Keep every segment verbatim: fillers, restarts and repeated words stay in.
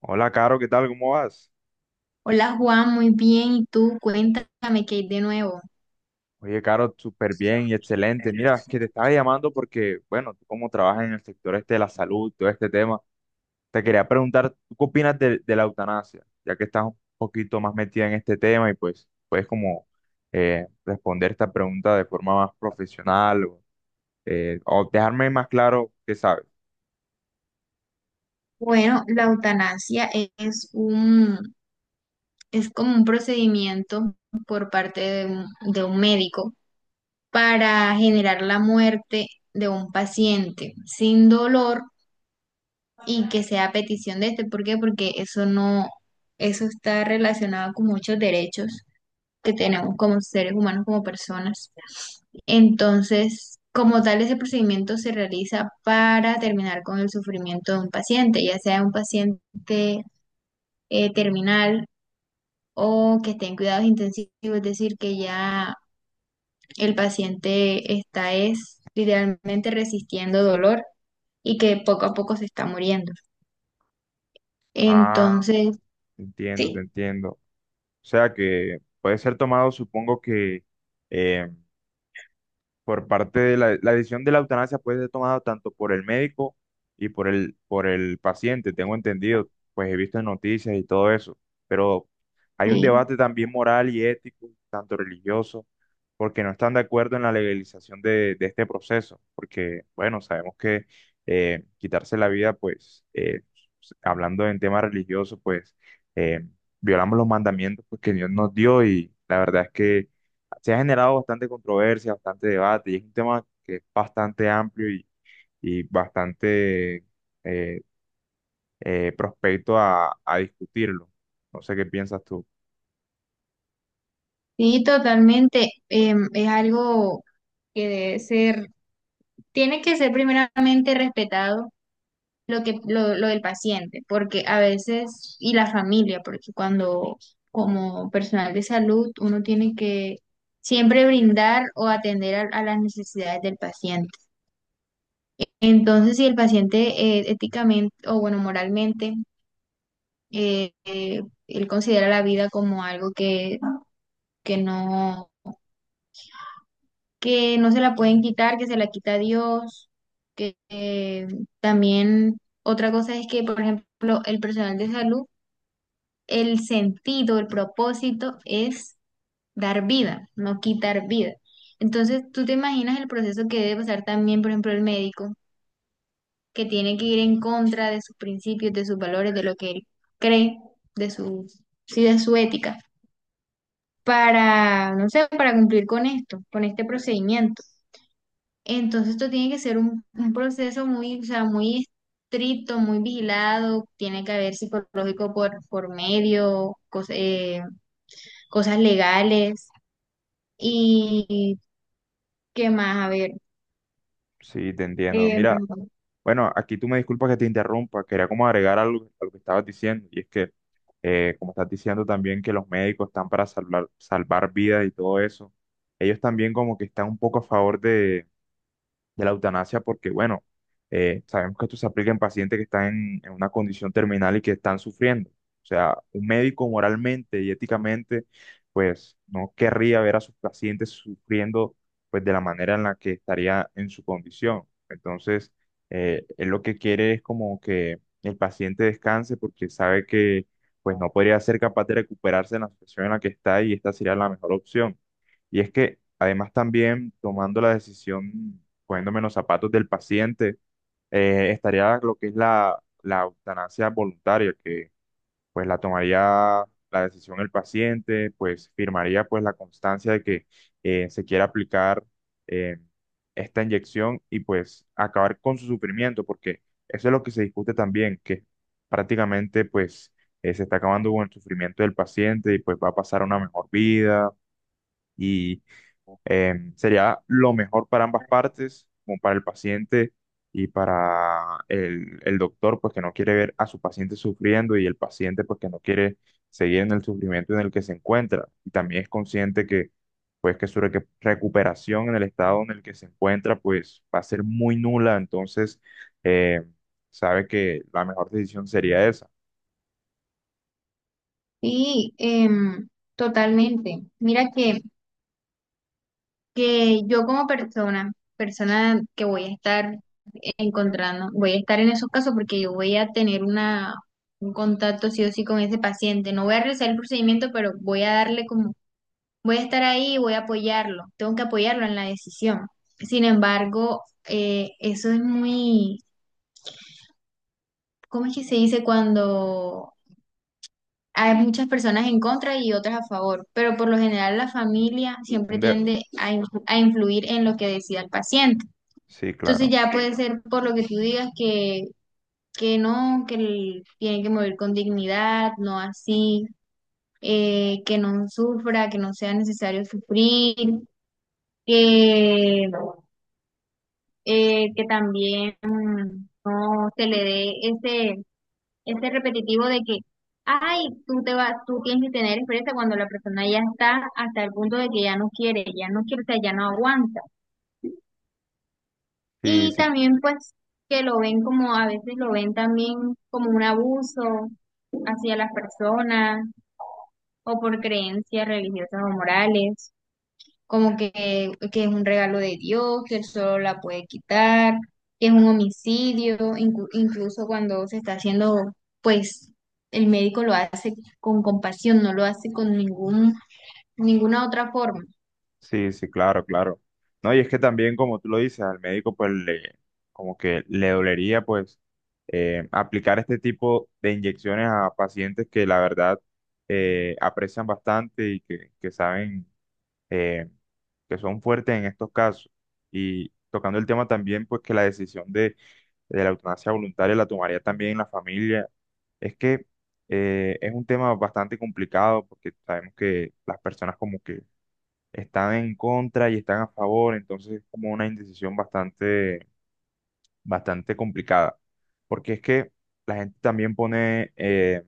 Hola, Caro, ¿qué tal? ¿Cómo vas? Hola Juan, muy bien. ¿Y tú? Cuéntame qué hay de nuevo. Oye, Caro, súper bien y excelente. Mira, es que te estaba llamando porque, bueno, tú como trabajas en el sector este de la salud, todo este tema, te quería preguntar, ¿tú qué opinas de, de la eutanasia? Ya que estás un poquito más metida en este tema y pues puedes como eh, responder esta pregunta de forma más profesional o, eh, o dejarme más claro qué sabes. Bueno, la eutanasia es un, es como un procedimiento por parte de un, de un médico para generar la muerte de un paciente sin dolor y que sea a petición de este. ¿Por qué? Porque eso no, eso está relacionado con muchos derechos que tenemos como seres humanos, como personas. Entonces, como tal, ese procedimiento se realiza para terminar con el sufrimiento de un paciente, ya sea un paciente eh, terminal o que esté en cuidados intensivos, es decir, que ya el paciente está es literalmente resistiendo dolor y que poco a poco se está muriendo. Ah, Entonces, te entiendo, te sí, entiendo. O sea que puede ser tomado, supongo que... eh, por parte de la, la decisión de la eutanasia puede ser tomada tanto por el médico y por el, por el paciente, tengo entendido, pues he visto en noticias y todo eso, pero hay un sí, debate también moral y ético, tanto religioso, porque no están de acuerdo en la legalización de, de este proceso, porque, bueno, sabemos que eh, quitarse la vida, pues, eh, hablando en tema religioso, pues, eh, violamos los mandamientos pues, que Dios nos dio y la verdad es que se ha generado bastante controversia, bastante debate, y es un tema que es bastante amplio y, y bastante eh, eh, prospecto a, a discutirlo. No sé qué piensas tú. sí, totalmente. Em, es algo que debe ser. Tiene que ser primeramente respetado lo que lo, lo del paciente, porque a veces, y la familia, porque cuando como personal de salud uno tiene que siempre brindar o atender a, a las necesidades del paciente. Entonces, si el paciente, eh, éticamente o bueno, moralmente, eh, eh, él considera la vida como algo que, que no que no se la pueden quitar, que se la quita Dios, que eh, también otra cosa es que, por ejemplo, el personal de salud, el sentido, el propósito es dar vida, no quitar vida. Entonces, tú te imaginas el proceso que debe pasar también, por ejemplo, el médico, que tiene que ir en contra de sus principios, de sus valores, de lo que él cree, de su, sí, de su ética, para, no sé, para cumplir con esto, con este procedimiento. Entonces esto tiene que ser un, un proceso muy, o sea, muy estricto, muy vigilado, tiene que haber psicológico por, por medio, cos- eh, cosas legales y qué más, a ver. Sí, te entiendo. em, Mira, bueno, aquí tú me disculpas que te interrumpa, quería como agregar algo a lo que estabas diciendo, y es que, eh, como estás diciendo también que los médicos están para salvar, salvar vidas y todo eso, ellos también como que están un poco a favor de de la eutanasia porque, bueno, eh, sabemos que esto se aplica en pacientes que están en, en una condición terminal y que están sufriendo. O sea, un médico moralmente y éticamente, pues no querría ver a sus pacientes sufriendo, pues de la manera en la que estaría en su condición. Entonces, eh, él lo que quiere es como que el paciente descanse porque sabe que, pues no podría ser capaz de recuperarse en la situación en la que está y esta sería la mejor opción. Y es que además también tomando la decisión poniéndome en los zapatos del paciente, eh, estaría lo que es la, la eutanasia voluntaria, que pues la tomaría la decisión el paciente, pues firmaría pues la constancia de que eh, se quiere aplicar eh, esta inyección y pues acabar con su sufrimiento, porque eso es lo que se discute también, que prácticamente pues eh, se está acabando con el sufrimiento del paciente y pues va a pasar a una mejor vida. Y eh, sería lo mejor para ambas partes, como para el paciente y para el, el doctor, pues que no quiere ver a su paciente sufriendo y el paciente, pues que no quiere seguir en el sufrimiento en el que se encuentra. Y también es consciente que, pues que su recu- recuperación en el estado en el que se encuentra, pues va a ser muy nula. Entonces, eh, sabe que la mejor decisión sería esa. sí, em, totalmente. Mira que, que yo como persona, persona que voy a estar encontrando, voy a estar en esos casos porque yo voy a tener una, un contacto sí o sí con ese paciente. No voy a realizar el procedimiento, pero voy a darle como voy a estar ahí y voy a apoyarlo, tengo que apoyarlo en la decisión. Sin embargo, eh, eso es muy, ¿cómo es que se dice cuando hay muchas personas en contra y otras a favor? Pero por lo general la familia siempre Un de- tiende a, in- a influir en lo que decida el paciente. sí, Entonces claro. ya puede ser por lo que tú digas que, que no, que el- tiene que morir con dignidad, no así, eh, que no sufra, que no sea necesario sufrir que eh, que también mm, no se le dé ese, ese repetitivo de que, ay, tú te vas, tú tienes que tener experiencia cuando la persona ya está hasta el punto de que ya no quiere, ya no quiere, o sea, ya no aguanta. Sí, Y sí. también pues que lo ven como, a veces lo ven también como un abuso hacia las personas o por creencias religiosas o morales. Como que, que es un regalo de Dios, que él solo la puede quitar, que es un homicidio, inclu- incluso cuando se está haciendo, pues el médico lo hace con compasión, no lo hace con ningún, ninguna otra forma. Sí, sí, claro, claro. No, y es que también, como tú lo dices, al médico pues le, como que le dolería pues eh, aplicar este tipo de inyecciones a pacientes que la verdad eh, aprecian bastante y que, que saben eh, que son fuertes en estos casos. Y tocando el tema también pues que la decisión de, de la eutanasia voluntaria la tomaría también la familia. Es que eh, es un tema bastante complicado porque sabemos que las personas como que están en contra y están a favor, entonces es como una indecisión bastante, bastante complicada, porque es que la gente también pone eh,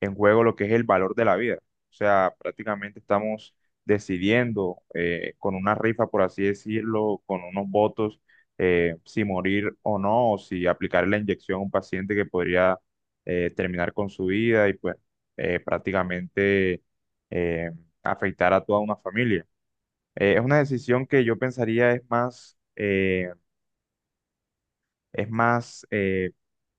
en juego lo que es el valor de la vida, o sea, prácticamente estamos decidiendo eh, con una rifa, por así decirlo, con unos votos, eh, si morir o no, o si aplicar la inyección a un paciente que podría eh, terminar con su vida y pues eh, prácticamente eh, afectar a toda una familia. Eh, es una decisión que yo pensaría es más, eh, es más eh,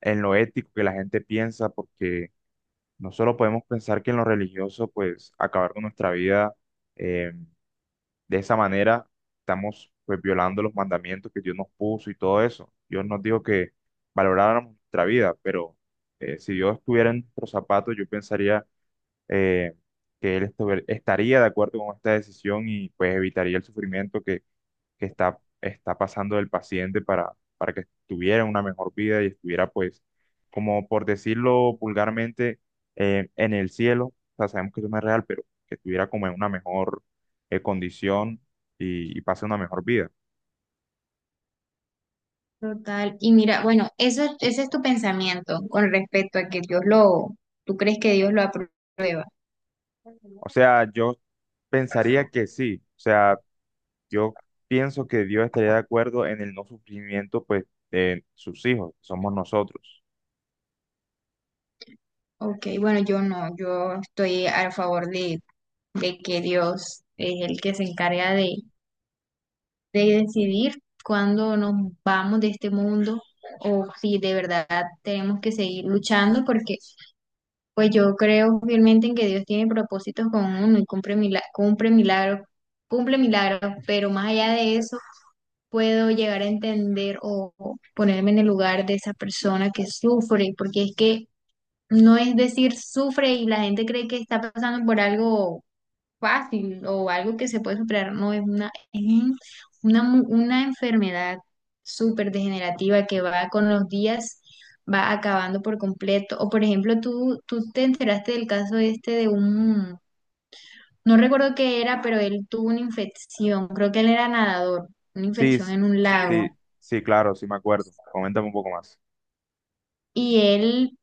en lo ético que la gente piensa, porque no solo podemos pensar que en lo religioso, pues acabar con nuestra vida eh, de esa manera, estamos pues violando los mandamientos que Dios nos puso y todo eso. Dios nos dijo que valoráramos nuestra vida, pero eh, si Dios estuviera en nuestros zapatos, yo pensaría eh, que Él estuviera- estaría de acuerdo con esta decisión y pues evitaría el sufrimiento que que está, está pasando el paciente para, para que tuviera una mejor vida y estuviera, pues, como por decirlo vulgarmente, eh, en el cielo. O sea, sabemos que eso no es real, pero que estuviera como en una mejor eh, condición y, y pase una mejor vida. Total. Y mira, bueno, eso, es- ese es tu pensamiento con respecto a que Dios lo, tú crees que Dios lo aprueba. O sea, yo pensaría que sí. O sea, yo pienso que Dios estaría de acuerdo en el no sufrimiento, pues, de sus hijos, que somos nosotros. Ok, bueno, yo no, yo estoy a favor de, de que Dios es el que se encarga de de decidir cuándo nos vamos de este mundo o si de verdad tenemos que seguir luchando, porque pues yo creo fielmente en que Dios tiene propósitos con uno y cumple milagros, cumple milagros, cumple milagros, pero más allá de eso puedo llegar a entender o o ponerme en el lugar de esa persona que sufre, porque es que no es decir sufre y la gente cree que está pasando por algo fácil o algo que se puede superar, no es una, es un- una, mu- una enfermedad súper degenerativa que va con los días, va acabando por completo. O por ejemplo, tú, tú te enteraste del caso este de un, no recuerdo qué era, pero él tuvo una infección, creo que él era nadador, una Sí, infección s- en un lago. sí, sí, claro, sí me acuerdo. Coméntame un poco más. Y él,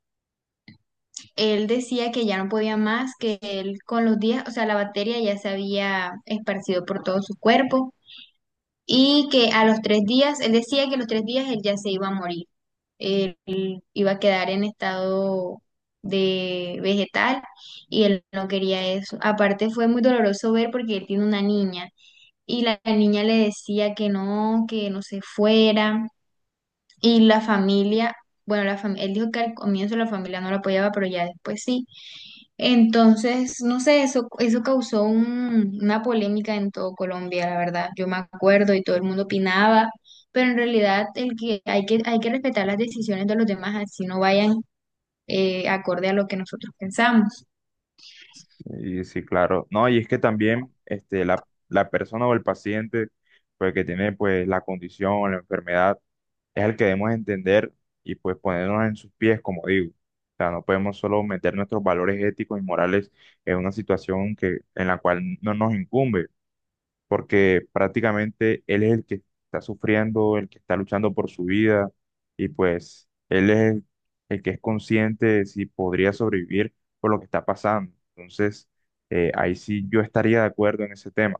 él decía que ya no podía más, que él con los días, o sea, la bacteria ya se había esparcido por todo su cuerpo y que a los tres días, él decía que a los tres días él ya se iba a morir. Él iba a quedar en estado de vegetal y él no quería eso. Aparte fue muy doloroso ver porque él tiene una niña y la niña le decía que no, que no se fuera y la familia, bueno, la fam- él dijo que al comienzo la familia no lo apoyaba, pero ya después sí. Entonces, no sé, eso, eso causó un- una polémica en todo Colombia, la verdad. Yo me acuerdo y todo el mundo opinaba, pero en realidad el que hay que, hay que respetar las decisiones de los demás, así no vayan eh, acorde a lo que nosotros pensamos. Sí, sí, claro. No, y es que también este, la, la persona o el paciente pues, que tiene pues, la condición o la enfermedad es el que debemos entender y pues ponernos en sus pies, como digo. O sea, no podemos solo meter nuestros valores éticos y morales en una situación que, en la cual no nos incumbe porque prácticamente él es el que está sufriendo, el que está luchando por su vida y pues él es el, el que es consciente de si podría sobrevivir por lo que está pasando. Entonces, eh, ahí sí yo estaría de acuerdo en ese tema.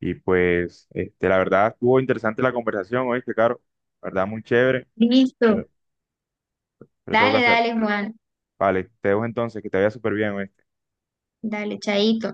Y pues, este, la verdad, estuvo interesante la conversación, oíste, Caro, la verdad, muy chévere, pero, Listo. pero tengo que Dale, hacer. dale, Juan. Vale, te dejo entonces, que te vaya súper bien, Dale, chaito.